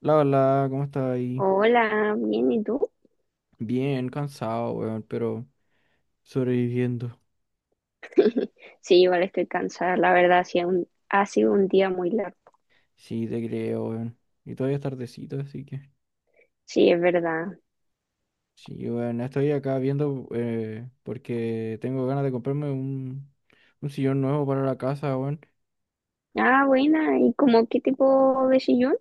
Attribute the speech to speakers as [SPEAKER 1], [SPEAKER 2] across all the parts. [SPEAKER 1] La hola, ¿cómo estás ahí?
[SPEAKER 2] Hola, bien, ¿y tú?
[SPEAKER 1] Bien, cansado, weón, pero sobreviviendo.
[SPEAKER 2] Sí, igual estoy cansada, la verdad, sí, ha sido un día muy largo.
[SPEAKER 1] Sí, te creo, weón. Y todavía es tardecito, así que.
[SPEAKER 2] Sí, es verdad.
[SPEAKER 1] Sí, weón, estoy acá viendo porque tengo ganas de comprarme un sillón nuevo para la casa, weón.
[SPEAKER 2] Ah, buena, ¿y como qué tipo de sillón?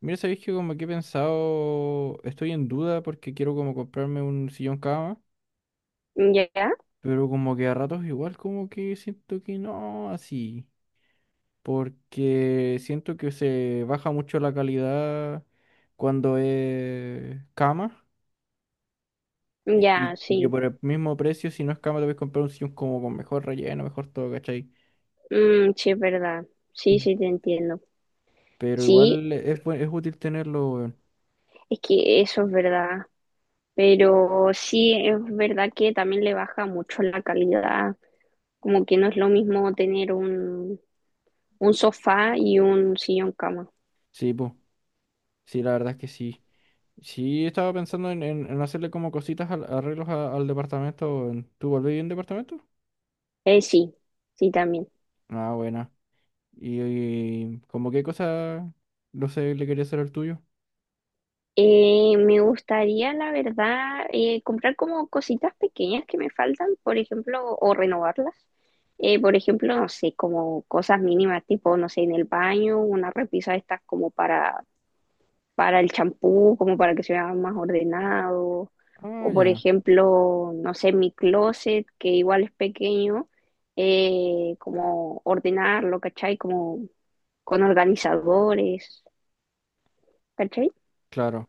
[SPEAKER 1] Mira, sabéis que como que he pensado, estoy en duda porque quiero como comprarme un sillón cama,
[SPEAKER 2] Ya,
[SPEAKER 1] pero como que a ratos igual como que siento que no, así. Porque siento que se baja mucho la calidad cuando es cama y,
[SPEAKER 2] ya,
[SPEAKER 1] y- y que
[SPEAKER 2] sí.
[SPEAKER 1] por el mismo precio, si no es cama, te puedes comprar un sillón como con mejor relleno, mejor todo, ¿cachai?
[SPEAKER 2] Mm, sí, es verdad. Sí,
[SPEAKER 1] Mm.
[SPEAKER 2] sí, te entiendo.
[SPEAKER 1] Pero
[SPEAKER 2] Sí,
[SPEAKER 1] igual es, es útil tenerlo, weón.
[SPEAKER 2] es que eso es verdad, pero sí, es verdad que también le baja mucho la calidad, como que no es lo mismo tener un sofá y un sillón cama.
[SPEAKER 1] Sí, pues, sí, la verdad es que sí. Sí, estaba pensando en hacerle como cositas, arreglos al departamento. Weón. ¿Tú volvés en departamento?
[SPEAKER 2] Sí, sí, también.
[SPEAKER 1] Ah, buena. Y como qué cosa, no sé, le quería hacer al tuyo?
[SPEAKER 2] Me gustaría, la verdad, comprar como cositas pequeñas que me faltan, por ejemplo, o renovarlas. Por ejemplo, no sé, como cosas mínimas, tipo, no sé, en el baño, una repisa de estas como para el champú, como para que se vea más ordenado.
[SPEAKER 1] Ah,
[SPEAKER 2] O por
[SPEAKER 1] ya,
[SPEAKER 2] ejemplo, no sé, mi closet, que igual es pequeño, como ordenarlo, ¿cachai? Como con organizadores, ¿cachai?
[SPEAKER 1] claro.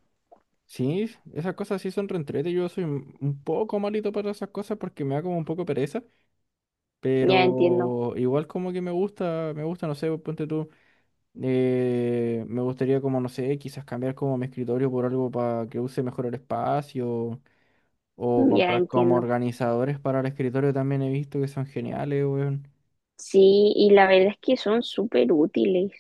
[SPEAKER 1] Sí, esas cosas sí son reentrete. Yo soy un poco malito para esas cosas porque me da como un poco pereza,
[SPEAKER 2] Ya entiendo,
[SPEAKER 1] pero igual como que me gusta, no sé, ponte tú, me gustaría como, no sé, quizás cambiar como mi escritorio por algo para que use mejor el espacio o
[SPEAKER 2] ya
[SPEAKER 1] comprar como
[SPEAKER 2] entiendo.
[SPEAKER 1] organizadores para el escritorio también he visto que son geniales, weón.
[SPEAKER 2] Sí, y la verdad es que son súper útiles,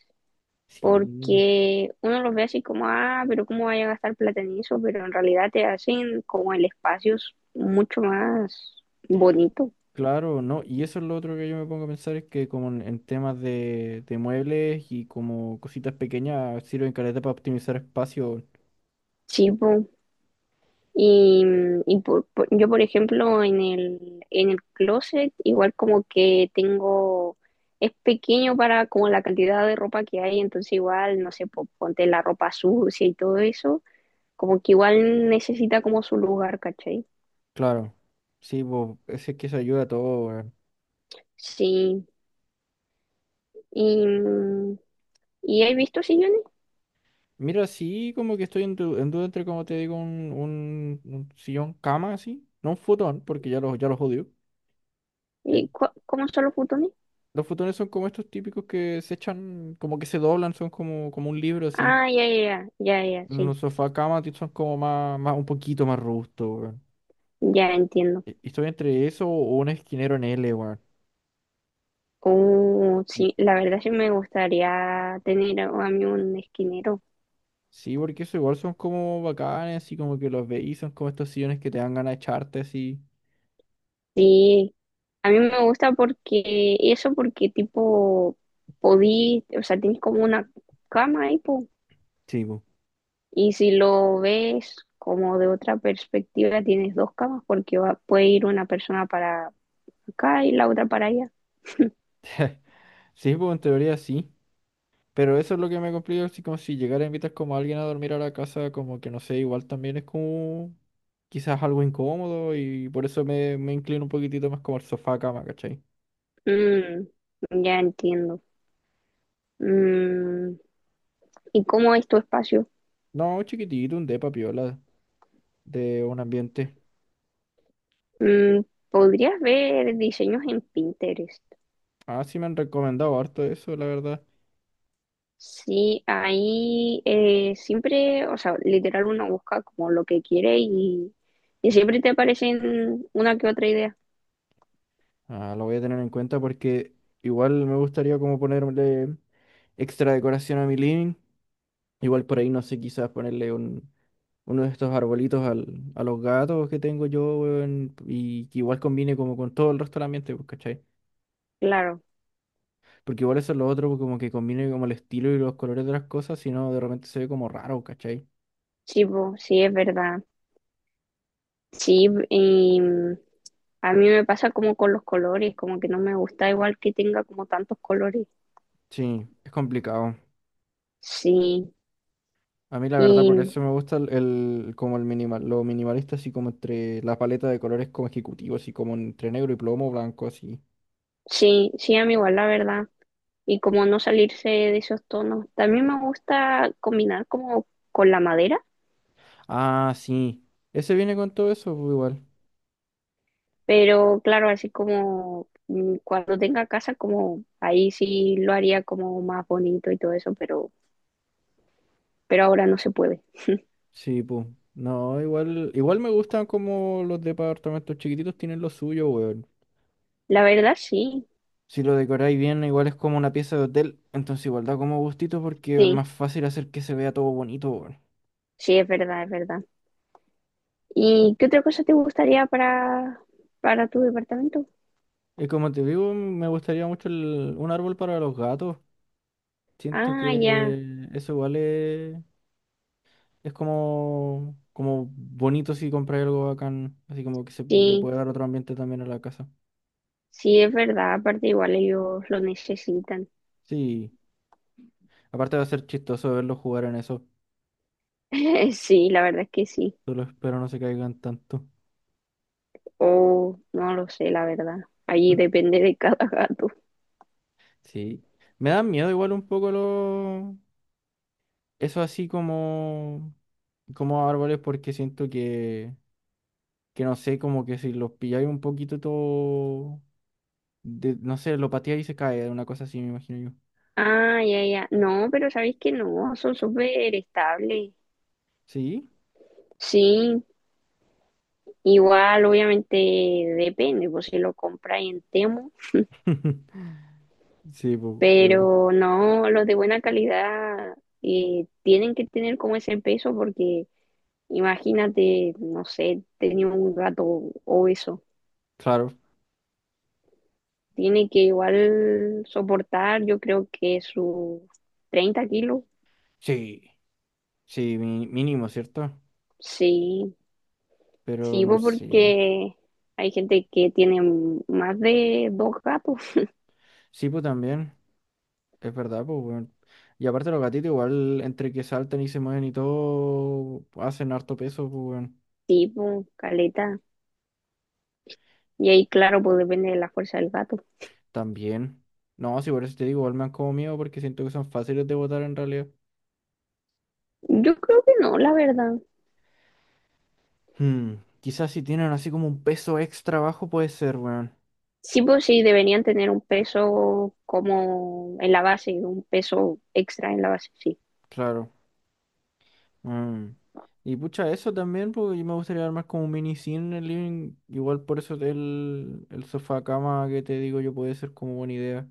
[SPEAKER 1] Sí.
[SPEAKER 2] porque uno los ve así como, ah, pero ¿cómo vaya a gastar plata en eso? Pero en realidad te hacen como el mucho más bonito,
[SPEAKER 1] Claro, no, y eso es lo otro que yo me pongo a pensar, es que como en temas de muebles y como cositas pequeñas sirven caleta para optimizar espacio.
[SPEAKER 2] chivo. Y, mm, y yo, por ejemplo, en en el closet, igual como que tengo, es pequeño para como la cantidad de ropa que hay, entonces igual, no sé, ponte la ropa sucia y todo eso, como que igual necesita como su lugar, ¿cachai?
[SPEAKER 1] Claro, sí, pues ese es que eso ayuda a todo, weón.
[SPEAKER 2] Sí, y, mm, y he visto sillones.
[SPEAKER 1] Mira, sí, como que estoy en, en duda entre, como te digo, un sillón cama, así, no un futón, porque ya los odio. Eh,
[SPEAKER 2] ¿Y cómo son los futones?
[SPEAKER 1] los futones son como estos típicos que se echan, como que se doblan, son como, como un libro, así.
[SPEAKER 2] Ah, ya, ya, ya, ya, ya, sí,
[SPEAKER 1] Los sofá cama son como más, más, un poquito más robustos, weón.
[SPEAKER 2] ya entiendo.
[SPEAKER 1] Estoy entre eso o un esquinero en L, weón.
[SPEAKER 2] Oh,
[SPEAKER 1] Y-
[SPEAKER 2] sí, la verdad sí me gustaría tener a mí un esquinero.
[SPEAKER 1] Sí, porque eso igual son como bacanes, así como que los veis, son como estos sillones que te dan ganas de echarte así.
[SPEAKER 2] Sí, a mí me gusta porque, eso porque tipo, podí, o sea, tienes como una cama ahí, po,
[SPEAKER 1] Sí, pues.
[SPEAKER 2] y si lo ves como de otra perspectiva, tienes dos camas porque va, puede ir una persona para acá y la otra para allá.
[SPEAKER 1] Sí, pues en teoría sí. Pero eso es lo que me complica, así como si llegara a invitar como a alguien a dormir a la casa, como que no sé, igual también es como quizás algo incómodo y por eso me, me inclino un poquitito más como al sofá cama, ¿cachai?
[SPEAKER 2] Mm, ya entiendo. Mm, ¿y cómo es tu espacio?
[SPEAKER 1] No, chiquitito, un depa piola de un ambiente.
[SPEAKER 2] Mm, podrías ver diseños en Pinterest.
[SPEAKER 1] Ah, sí me han recomendado harto eso, la verdad.
[SPEAKER 2] Sí, ahí siempre, o sea, literal uno busca como lo que quiere y siempre te aparecen una que otra idea.
[SPEAKER 1] Ah, lo voy a tener en cuenta porque igual me gustaría como ponerle extra decoración a mi living. Igual por ahí, no sé, quizás ponerle uno de estos arbolitos al, a los gatos que tengo yo, weón, y que igual combine como con todo el resto del ambiente, pues, ¿cachai?
[SPEAKER 2] Claro,
[SPEAKER 1] Porque igual eso es lo otro, pues, como que combine como el estilo y los colores de las cosas, si no, de repente se ve como raro, ¿cachai?
[SPEAKER 2] sí, po, sí, es verdad. Sí, y mm, a mí me pasa como con los colores, como que no me gusta igual que tenga como tantos colores.
[SPEAKER 1] Sí, es complicado.
[SPEAKER 2] Sí,
[SPEAKER 1] A mí la verdad
[SPEAKER 2] y
[SPEAKER 1] por eso me gusta el, como el minimal, lo minimalista así como entre la paleta de colores como ejecutivos, así como entre negro y plomo, blanco, así.
[SPEAKER 2] sí, sí, a mí igual, la verdad. Y como no salirse de esos tonos. También me gusta combinar como con la madera,
[SPEAKER 1] Ah, sí. Ese viene con todo eso, pues igual.
[SPEAKER 2] pero claro, así como mm, cuando tenga casa, como ahí sí lo haría como más bonito y todo eso, pero ahora no se puede.
[SPEAKER 1] Sí, pues. No, igual, igual me gustan como los departamentos chiquititos tienen lo suyo, weón.
[SPEAKER 2] La verdad, sí,
[SPEAKER 1] Si lo decoráis bien, igual es como una pieza de hotel, entonces igual da como gustito porque es
[SPEAKER 2] sí,
[SPEAKER 1] más fácil hacer que se vea todo bonito, weón.
[SPEAKER 2] sí, es verdad, es verdad. ¿Y qué otra cosa te gustaría para tu departamento?
[SPEAKER 1] Y como te digo, me gustaría mucho un árbol para los gatos. Siento
[SPEAKER 2] Ah, ya,
[SPEAKER 1] que eso igual es como, como bonito si compras algo bacán, así como que se le
[SPEAKER 2] sí,
[SPEAKER 1] puede dar otro ambiente también a la casa.
[SPEAKER 2] sí, es verdad, aparte igual ellos lo necesitan.
[SPEAKER 1] Sí. Aparte va a ser chistoso verlos jugar en eso.
[SPEAKER 2] Sí, la verdad es que sí.
[SPEAKER 1] Solo espero no se caigan tanto.
[SPEAKER 2] Oh, no lo sé, la verdad. Ahí depende de cada gato.
[SPEAKER 1] Sí. Me dan miedo igual un poco los... Eso así como... Como árboles porque siento que... Que no sé, como que si los pilláis un poquito todo... no sé, lo pateáis y se cae. Una cosa así me imagino yo.
[SPEAKER 2] Ah, ya, ya. No, pero sabéis que no, son súper estables.
[SPEAKER 1] Sí.
[SPEAKER 2] Sí, igual, obviamente depende, pues si lo compráis en Temu,
[SPEAKER 1] Sí, po, pero...
[SPEAKER 2] pero no, los de buena calidad tienen que tener como ese peso porque imagínate, no sé, tenía un gato obeso.
[SPEAKER 1] Claro.
[SPEAKER 2] Tiene que igual soportar, yo creo que sus 30 kilos.
[SPEAKER 1] Sí. Sí, mínimo, ¿cierto?
[SPEAKER 2] Sí,
[SPEAKER 1] Pero
[SPEAKER 2] sí,
[SPEAKER 1] no
[SPEAKER 2] pues
[SPEAKER 1] sé.
[SPEAKER 2] porque hay gente que tiene más de dos gatos.
[SPEAKER 1] Sí, pues también. Es verdad, pues, weón. Y aparte los gatitos igual, entre que saltan y se mueven y todo, hacen harto peso, pues, weón.
[SPEAKER 2] Sí, pues, caleta. Y ahí, claro, pues depende de la fuerza del gato.
[SPEAKER 1] También. No, si por eso te digo, igual me han como miedo porque siento que son fáciles de botar en realidad.
[SPEAKER 2] Yo creo que no, la verdad.
[SPEAKER 1] Hmm, quizás si tienen así como un peso extra bajo puede ser, weón.
[SPEAKER 2] Sí, pues sí, deberían tener un peso como en la base, un peso extra en la base, sí.
[SPEAKER 1] Claro. Mm. Y pucha, eso también, pues yo me gustaría armar como un mini cine en el living. Igual por eso el sofá cama que te digo yo puede ser como buena idea.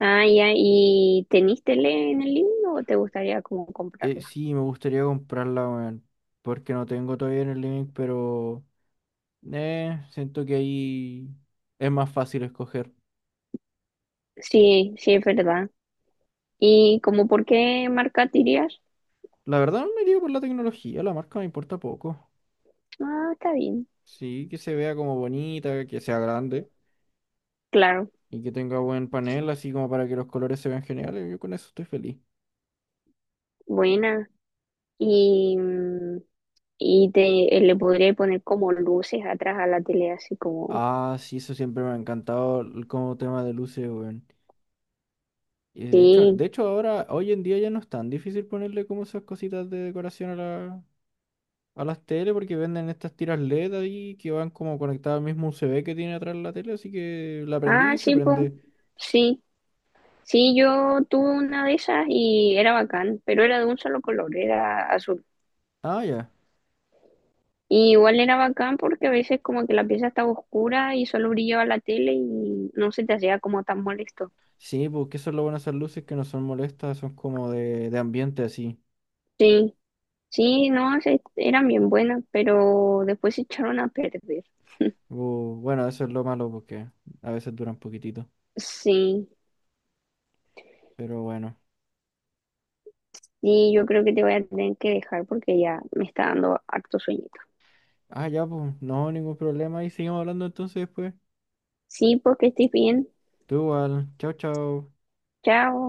[SPEAKER 2] Ah, ya, ¿y tenís tele en el libro o te gustaría como comprarla?
[SPEAKER 1] Sí, me gustaría comprarla, weón. Porque no tengo todavía en el link, pero siento que ahí es más fácil escoger.
[SPEAKER 2] Sí, sí, es verdad. ¿Y como por qué marca dirías?
[SPEAKER 1] La verdad me iría por la tecnología, la marca me importa poco.
[SPEAKER 2] Ah, está bien.
[SPEAKER 1] Sí, que se vea como bonita, que sea grande
[SPEAKER 2] Claro,
[SPEAKER 1] y que tenga buen panel, así como para que los colores se vean geniales. Yo con eso estoy feliz.
[SPEAKER 2] buena. Y... mm, y te, le podría poner como luces atrás a la tele, así como,
[SPEAKER 1] Ah, sí, eso siempre me ha encantado como tema de luces, weón. Y
[SPEAKER 2] sí,
[SPEAKER 1] de hecho ahora, hoy en día ya no es tan difícil ponerle como esas cositas de decoración a la, a las tele porque venden estas tiras LED ahí que van como conectadas al mismo USB que tiene atrás la tele, así que la prendí
[SPEAKER 2] ah,
[SPEAKER 1] y se
[SPEAKER 2] sí, pues,
[SPEAKER 1] prende.
[SPEAKER 2] sí, sí, yo tuve una de esas y era bacán, pero era de un solo color, era azul.
[SPEAKER 1] Ah, ya.
[SPEAKER 2] Y igual era bacán porque a veces como que la pieza estaba oscura y solo brillaba la tele y no se te hacía como tan molesto.
[SPEAKER 1] Sí, porque eso es lo bueno de esas luces que no son molestas, son como de ambiente así.
[SPEAKER 2] Sí, sí, no, eran bien buenas, pero después se echaron a perder.
[SPEAKER 1] Bueno, eso es lo malo porque a veces duran poquitito,
[SPEAKER 2] Sí,
[SPEAKER 1] pero bueno.
[SPEAKER 2] y yo creo que te voy a tener que dejar porque ya me está dando harto sueño.
[SPEAKER 1] Ah, ya, pues, no, ningún problema y seguimos hablando entonces después.
[SPEAKER 2] Sí, porque estoy bien.
[SPEAKER 1] Tú igual, chao, chao.
[SPEAKER 2] Chao.